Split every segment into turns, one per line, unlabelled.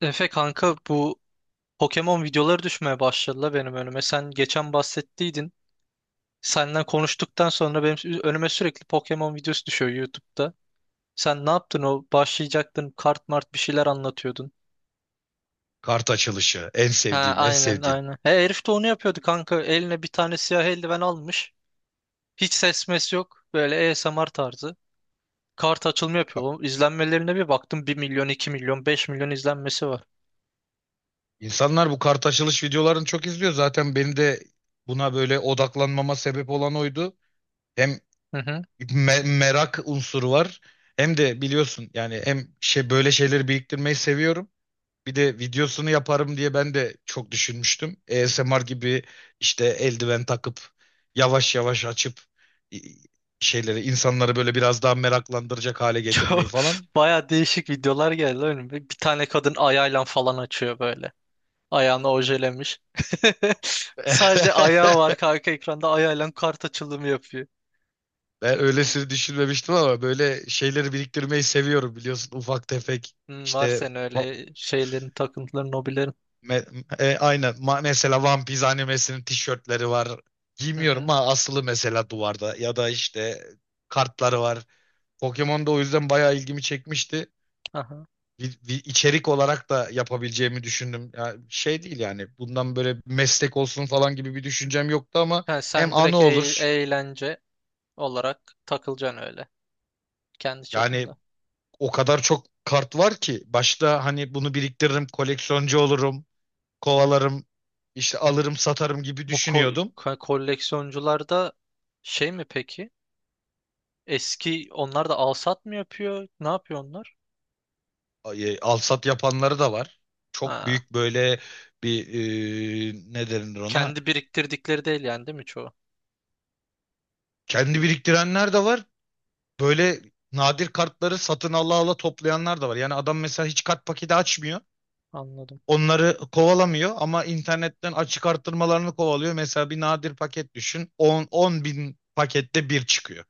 Efe kanka bu Pokemon videoları düşmeye başladı benim önüme. Sen geçen bahsettiydin. Senden konuştuktan sonra benim önüme sürekli Pokemon videosu düşüyor YouTube'da. Sen ne yaptın o? Başlayacaktın kart mart bir şeyler anlatıyordun.
Kart açılışı. En
Ha,
sevdiğim, en
aynen
sevdiğim.
aynen. He, herif de onu yapıyordu kanka. Eline bir tane siyah eldiven almış. Hiç ses mes yok. Böyle ASMR tarzı. Kart açılımı yapıyor.
Ka-
Oğlum, İzlenmelerine bir baktım, 1 milyon, 2 milyon, 5 milyon izlenmesi var.
İnsanlar bu kart açılış videolarını çok izliyor. Zaten beni de buna böyle odaklanmama sebep olan oydu. Hem merak unsuru var. Hem de biliyorsun yani hem şey böyle şeyleri biriktirmeyi seviyorum. Bir de videosunu yaparım diye ben de çok düşünmüştüm. ASMR gibi işte eldiven takıp yavaş yavaş açıp i- şeyleri insanları böyle biraz daha meraklandıracak hale
Çok
getirmeyi falan.
baya değişik videolar geldi önüme. Bir tane kadın ayağıyla falan açıyor böyle. Ayağını ojelemiş. Sadece ayağı var kanka, ekranda ayağıyla kart açılımı yapıyor.
Ben öylesini düşünmemiştim ama böyle şeyleri biriktirmeyi seviyorum biliyorsun. Ufak tefek
Hmm, var
işte
senin
va-
öyle şeylerin, takıntıların, hobilerin.
aynen mesela One Piece animesinin tişörtleri var.
Hı
Giymiyorum
hı.
ama asılı mesela duvarda ya da işte kartları var. Pokemon da o yüzden bayağı ilgimi çekmişti.
Aha.
Bir içerik olarak da yapabileceğimi düşündüm. Ya şey değil yani bundan böyle meslek olsun falan gibi bir düşüncem yoktu ama
Ha,
hem
sen
anı
direkt
olur.
eğlence olarak takılacaksın öyle. Kendi
Yani
çapında.
o kadar çok kart var ki başta hani bunu biriktiririm, koleksiyoncu olurum, kovalarım, işte alırım, satarım gibi
Bu
düşünüyordum.
koleksiyoncular da şey mi peki? Eski onlar da alsat mı yapıyor? Ne yapıyor onlar?
Ay, al sat yapanları da var. Çok
Ha.
büyük böyle bir ne denir ona?
Kendi biriktirdikleri değil yani, değil mi çoğu?
Kendi biriktirenler de var. Böyle nadir kartları satın ala ala toplayanlar da var. Yani adam mesela hiç kart paketi açmıyor.
Anladım.
Onları kovalamıyor ama internetten açık arttırmalarını kovalıyor. Mesela bir nadir paket düşün. 10 bin pakette bir çıkıyor.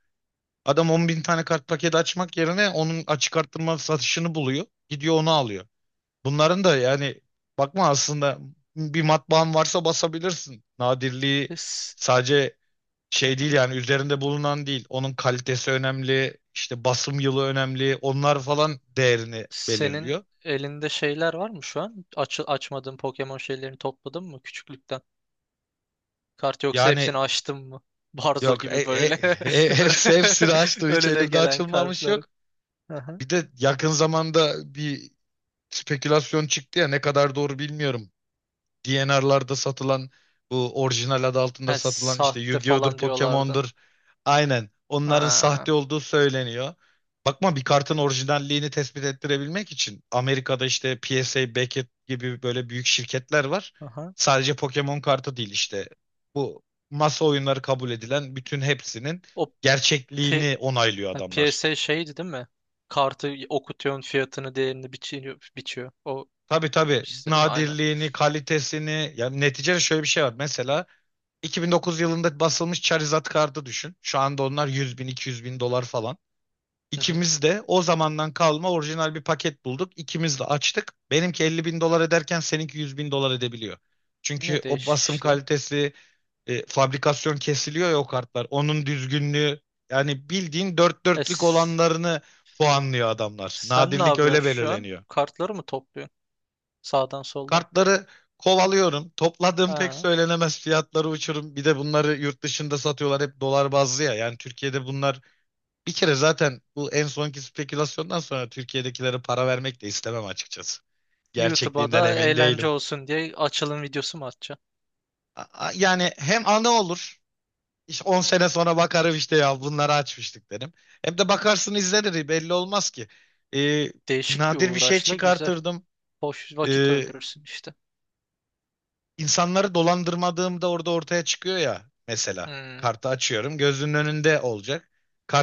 Adam 10 bin tane kart paketi açmak yerine onun açık arttırma satışını buluyor. Gidiyor onu alıyor. Bunların da yani bakma aslında bir matbaan varsa basabilirsin. Nadirliği
Biz...
sadece
Hı
şey değil
hı.
yani üzerinde bulunan değil. Onun kalitesi önemli, işte basım yılı önemli. Onlar falan değerini
Senin
belirliyor.
elinde şeyler var mı şu an? Açmadığın Pokemon şeylerini topladın mı küçüklükten? Kart yoksa
Yani
hepsini açtın mı? Barzo
yok
gibi böyle.
hepsini açtı. Hiç
Önüne
elimde
gelen
açılmamış
kartları.
yok.
Aha.
Bir de yakın zamanda bir spekülasyon çıktı ya ne kadar doğru bilmiyorum. DNR'larda satılan bu orijinal adı altında
Ha,
satılan işte
sahte
Yu-Gi-Oh'dur,
falan diyorlardı.
Pokemon'dur. Aynen. Onların
Ha,
sahte olduğu söyleniyor. Bakma bir kartın orijinalliğini tespit ettirebilmek için Amerika'da işte PSA, Beckett gibi böyle büyük şirketler var.
aha.
Sadece Pokemon kartı değil işte. Bu masa oyunları kabul edilen bütün hepsinin
O P
gerçekliğini onaylıyor
ha,
adamlar.
PSA şeydi değil mi? Kartı okutuyorsun, fiyatını değerini biçiyor. O
Tabii tabii.
işte değil mi? Aynen.
Nadirliğini, kalitesini. Yani neticede şöyle bir şey var. Mesela 2009 yılında basılmış Charizard kartı düşün. Şu anda onlar 100 bin 200 bin dolar falan.
Hı hı.
İkimiz de o zamandan kalma orijinal bir paket bulduk. İkimiz de açtık. Benimki 50 bin dolar ederken seninki 100 bin dolar edebiliyor.
Ne
Çünkü o
değişik
basım
işler.
kalitesi, fabrikasyon kesiliyor ya o kartlar. Onun düzgünlüğü yani bildiğin dört
E,
dörtlük
s-
olanlarını puanlıyor adamlar.
Sen ne
Nadirlik
yapıyorsun
öyle
şu an?
belirleniyor.
Kartları mı topluyorsun sağdan soldan?
Kartları kovalıyorum. Topladığım pek
Ha.
söylenemez, fiyatları uçurum. Bir de bunları yurt dışında satıyorlar hep dolar bazlı ya. Yani Türkiye'de bunlar bir kere zaten bu en sonki spekülasyondan sonra Türkiye'dekilere para vermek de istemem açıkçası.
YouTube'a
Gerçekliğinden
da
emin
eğlence
değilim.
olsun diye açılım videosu mu atacaksın?
Yani hem anı olur. İşte 10 sene sonra bakarım işte ya bunları açmıştık derim. Hem de bakarsın izlenir, belli olmaz ki. Ee,
Değişik bir
nadir bir şey
uğraşla güzel.
çıkartırdım.
Boş vakit
Ee,
öldürürsün işte.
insanları dolandırmadığımda orada ortaya çıkıyor ya mesela.
Hmm.
Kartı açıyorum, gözünün önünde olacak.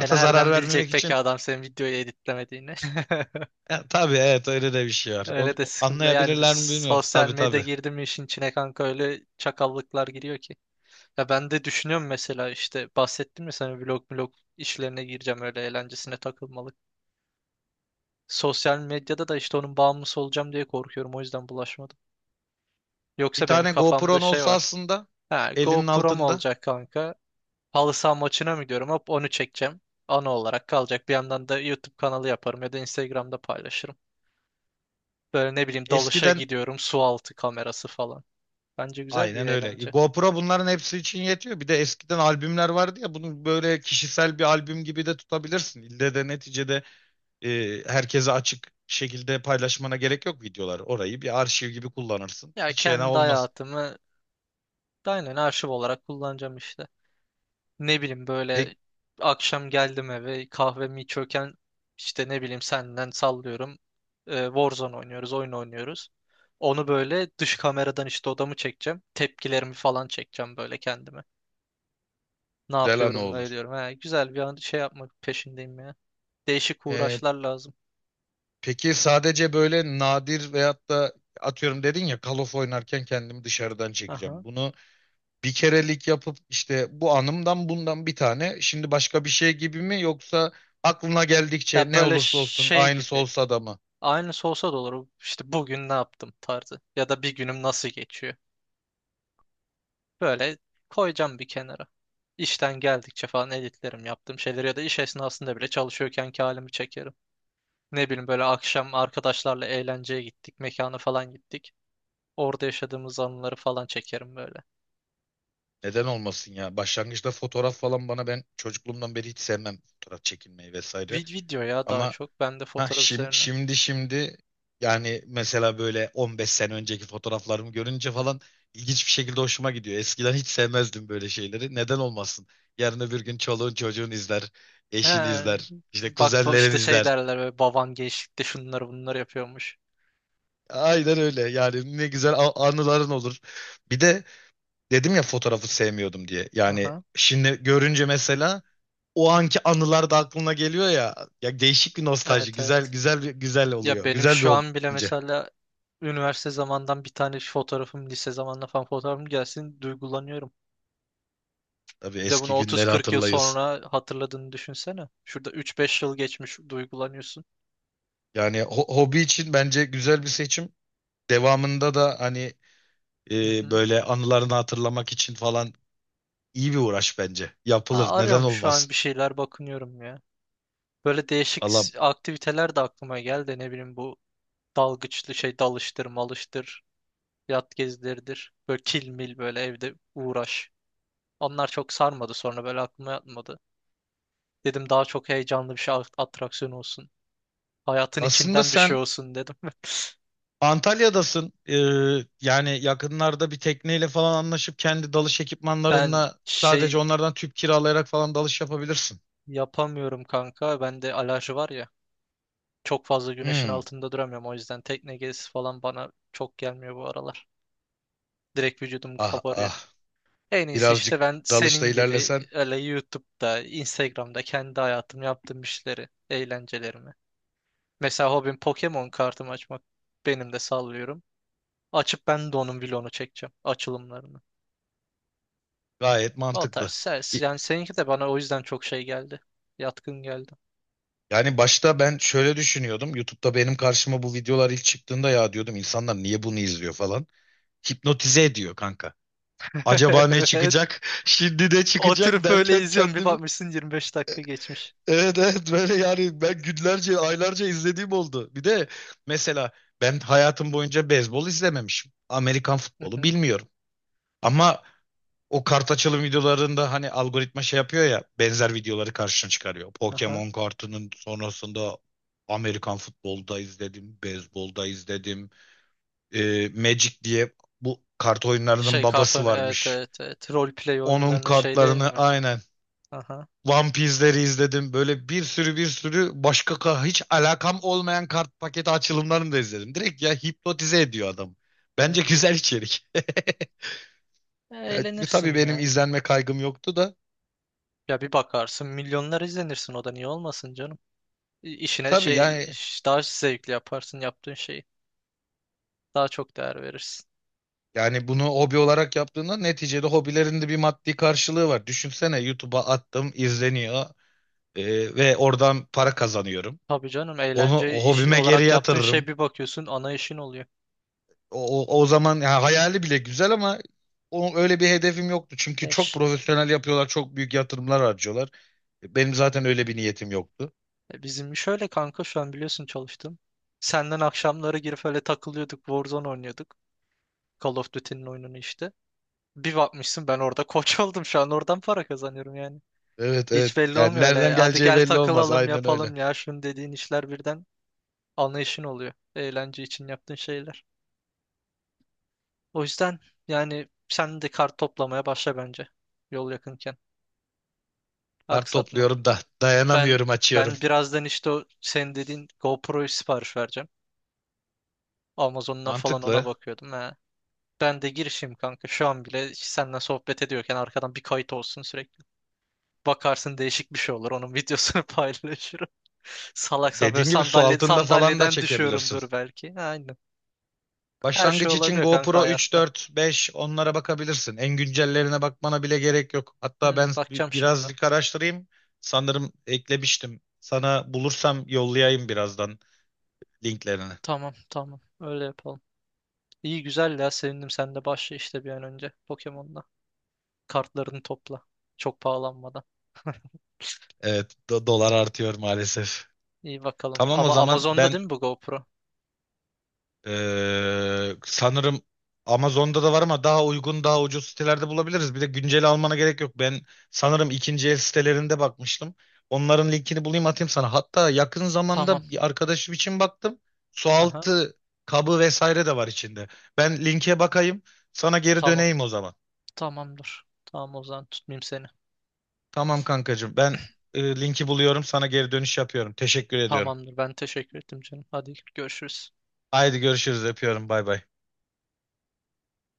E,
zarar
nereden bilecek
vermemek
peki
için
adam senin videoyu editlemediğini?
tabii, evet, öyle de bir şey var. Onu
Öyle de sıkıntılı. Yani biz,
anlayabilirler mi bilmiyorum.
sosyal
Tabii
medya
tabii.
girdi mi işin içine kanka, öyle çakallıklar giriyor ki. Ya ben de düşünüyorum mesela, işte bahsettim ya sana, vlog işlerine gireceğim öyle eğlencesine takılmalık. Sosyal medyada da işte onun bağımlısı olacağım diye korkuyorum. O yüzden bulaşmadım.
Bir
Yoksa benim
tane
kafamda
GoPro'nun
şey
olsa
var.
aslında
Ha,
elinin
GoPro'm
altında.
olacak kanka. Halı saha maçına mı gidiyorum? Hop, onu çekeceğim. Ana olarak kalacak. Bir yandan da YouTube kanalı yaparım ya da Instagram'da paylaşırım. Böyle ne bileyim, dalışa
Eskiden
gidiyorum. Su altı kamerası falan. Bence güzel bir
aynen öyle.
eğlence.
GoPro bunların hepsi için yetiyor. Bir de eskiden albümler vardı ya, bunu böyle kişisel bir albüm gibi de tutabilirsin. İlle de neticede herkese açık şekilde paylaşmana gerek yok videolar. Orayı bir arşiv gibi kullanırsın.
Ya
Hiç fena
kendi
olmaz.
hayatımı aynen arşiv olarak kullanacağım işte. Ne bileyim
Pek
böyle, akşam geldim eve, kahvemi içiyorken işte ne bileyim senden sallıyorum. Warzone oynuyoruz, oyun oynuyoruz. Onu böyle dış kameradan işte odamı çekeceğim. Tepkilerimi falan çekeceğim böyle kendime. Ne
güzel anı
yapıyorum, ne
olur.
ediyorum. He, güzel bir an şey yapmak peşindeyim ya. Değişik
E,
uğraşlar lazım.
peki sadece böyle nadir veyahut da atıyorum dedin ya Call of oynarken kendimi dışarıdan
Aha.
çekeceğim. Bunu bir kerelik yapıp işte bu anımdan bundan bir tane. Şimdi başka bir şey gibi mi, yoksa aklına geldikçe
Ya
ne
böyle
olursa olsun
şey
aynısı
gibi.
olsa da mı?
Aynısı olsa da olur. İşte bugün ne yaptım tarzı. Ya da bir günüm nasıl geçiyor. Böyle koyacağım bir kenara. İşten geldikçe falan editlerim yaptığım şeyleri, ya da iş esnasında bile çalışıyorken ki halimi çekerim. Ne bileyim böyle, akşam arkadaşlarla eğlenceye gittik, mekana falan gittik. Orada yaşadığımız anıları falan çekerim böyle.
Neden olmasın ya? Başlangıçta fotoğraf falan bana, ben çocukluğumdan beri hiç sevmem fotoğraf çekilmeyi vesaire.
Video ya daha
Ama
çok. Ben de fotoğraf üzerine.
Şimdi yani mesela böyle 15 sene önceki fotoğraflarımı görünce falan ilginç bir şekilde hoşuma gidiyor. Eskiden hiç sevmezdim böyle şeyleri. Neden olmasın? Yarın öbür gün çoluğun çocuğun izler, eşin izler,
He,
işte
bak bu
kuzenlerin
işte, şey
izler.
derler böyle, baban gençlikte şunları bunları yapıyormuş.
Aynen öyle. Yani ne güzel anıların olur. Bir de dedim ya fotoğrafı sevmiyordum diye. Yani
Aha.
şimdi görünce mesela o anki anılar da aklına geliyor ya. Ya değişik bir nostalji.
Evet,
Güzel
evet.
güzel bir güzel
Ya
oluyor.
benim
Güzel bir
şu
hobi
an bile
bence.
mesela üniversite zamandan bir tane fotoğrafım, lise zamanla falan fotoğrafım gelsin, duygulanıyorum.
Tabii
Bir de bunu
eski günleri
30-40 yıl
hatırlayız.
sonra hatırladığını düşünsene. Şurada 3-5 yıl geçmiş duygulanıyorsun.
Yani hobi için bence güzel bir seçim. Devamında da hani
Hı hı.
böyle anılarını hatırlamak için falan iyi bir uğraş bence. Yapılır.
Aa,
Neden
arıyorum şu an,
olmasın?
bir şeyler bakınıyorum ya. Böyle değişik
Valla
aktiviteler de aklıma geldi. Ne bileyim bu dalgıçlı şey, dalıştır malıştır. Yat gezileridir. Böyle kilmil, böyle evde uğraş. Onlar çok sarmadı, sonra böyle aklıma yatmadı. Dedim daha çok heyecanlı bir şey, atraksiyon olsun. Hayatın
aslında
içinden bir şey
sen
olsun dedim.
Antalya'dasın. Yani yakınlarda bir tekneyle falan anlaşıp kendi dalış
Ben
ekipmanlarınla sadece
şey
onlardan tüp kiralayarak falan dalış yapabilirsin.
yapamıyorum kanka. Bende alerji var ya. Çok fazla güneşin
Hmm.
altında duramıyorum. O yüzden tekne gezisi falan bana çok gelmiyor bu aralar. Direkt vücudum
Ah
kabarıyor.
ah.
En iyisi işte
Birazcık
ben
dalışta
senin gibi
ilerlesen
öyle YouTube'da, Instagram'da kendi hayatım, yaptığım işleri, eğlencelerimi. Mesela hobim Pokemon kartımı açmak. Benim de sallıyorum. Açıp ben de onun vlogunu çekeceğim. Açılımlarını.
gayet
O tarz.
mantıklı.
Yani seninki de bana o yüzden çok şey geldi. Yatkın geldi.
Yani başta ben şöyle düşünüyordum. YouTube'da benim karşıma bu videolar ilk çıktığında ya diyordum insanlar niye bunu izliyor falan. Hipnotize ediyor kanka. Acaba ne
Evet.
çıkacak? Şimdi ne çıkacak
Oturup öyle
derken
izliyorum. Bir
kendimi
bakmışsın 25 dakika geçmiş.
evet, evet, böyle yani ben günlerce aylarca izlediğim oldu. Bir de mesela ben hayatım boyunca beyzbol izlememişim. Amerikan
Hı
futbolu
hı.
bilmiyorum. Ama o kart açılım videolarında hani algoritma şey yapıyor ya benzer videoları karşına çıkarıyor.
Aha.
Pokemon kartının sonrasında Amerikan futbolda izledim, beyzbolda izledim. Magic diye bu kart oyunlarının
Şey kart
babası
oyunu, evet,
varmış.
evet. Roleplay
Onun
oyunlarının şey değil
kartlarını
mi?
aynen
Aha,
One Piece'leri izledim. Böyle bir sürü bir sürü başka hiç alakam olmayan kart paketi açılımlarını da izledim. Direkt ya hipnotize ediyor adam. Bence
evet.
güzel içerik.
E,
Ya, tabii
eğlenirsin
benim
ya.
izlenme kaygım yoktu da.
Ya bir bakarsın milyonlar izlenirsin, o da niye olmasın canım.
E,
İşine
tabii yani
şey, daha zevkli yaparsın yaptığın şeyi. Daha çok değer verirsin.
Yani bunu hobi olarak yaptığında neticede hobilerinde bir maddi karşılığı var. Düşünsene YouTube'a attım, izleniyor ve oradan para kazanıyorum.
Tabii canım,
Onu
eğlence
o
iş
hobime geri
olarak yaptığın şey,
yatırırım.
bir bakıyorsun ana işin oluyor.
O zaman ya hayali bile güzel ama öyle bir hedefim yoktu. Çünkü çok
Eş.
profesyonel yapıyorlar, çok büyük yatırımlar harcıyorlar. Benim zaten öyle bir niyetim yoktu.
E, bizim iş öyle kanka, şu an biliyorsun, çalıştım. Senden akşamları girip öyle takılıyorduk, Warzone oynuyorduk. Call of Duty'nin oyununu işte. Bir bakmışsın ben orada koç oldum, şu an oradan para kazanıyorum yani.
Evet, evet.
Hiç belli
Yani
olmuyor öyle.
nereden
Hadi
geleceği
gel
belli olmaz.
takılalım,
Aynen öyle.
yapalım ya. Şunu dediğin işler birden anlayışın oluyor. Eğlence için yaptığın şeyler. O yüzden yani sen de kart toplamaya başla bence. Yol yakınken.
Kart
Aksatma.
topluyorum da
Ben
dayanamıyorum, açıyorum.
ben birazdan işte o senin dediğin GoPro'yu sipariş vereceğim. Amazon'dan falan ona
Mantıklı.
bakıyordum. He. Ben de girişim kanka. Şu an bile senden sohbet ediyorken arkadan bir kayıt olsun sürekli. Bakarsın değişik bir şey olur. Onun videosunu paylaşırım. Salaksa böyle
Dediğin gibi su altında falan da
sandalyeden
çekebilirsin.
düşüyorumdur belki. Aynen. Her şey
Başlangıç için
olabiliyor kanka
GoPro 3,
hayatta.
4, 5 onlara bakabilirsin. En güncellerine bakmana bile gerek yok. Hatta
Hmm,
ben
bakacağım şimdi.
birazcık araştırayım. Sanırım eklemiştim. Sana bulursam yollayayım birazdan linklerini.
Tamam. Öyle yapalım. İyi güzel ya, sevindim. Sen de başla işte bir an önce Pokemon'la. Kartlarını topla. Çok pahalanmadan.
Evet, dolar artıyor maalesef.
İyi bakalım.
Tamam o
Ama
zaman
Amazon'da
ben
değil mi bu GoPro?
Sanırım Amazon'da da var ama daha uygun, daha ucuz sitelerde bulabiliriz. Bir de güncel almana gerek yok. Ben sanırım ikinci el sitelerinde bakmıştım. Onların linkini bulayım, atayım sana. Hatta yakın
Tamam.
zamanda bir arkadaşım için baktım.
Aha.
Sualtı kabı vesaire de var içinde. Ben linke bakayım. Sana geri
Tamam.
döneyim o zaman.
Tamamdır. Tamam, o zaman tutmayayım seni.
Tamam kankacığım. Ben linki buluyorum. Sana geri dönüş yapıyorum. Teşekkür ediyorum.
Tamamdır. Ben teşekkür ettim canım. Hadi görüşürüz.
Haydi görüşürüz. Öpüyorum. Bay bay.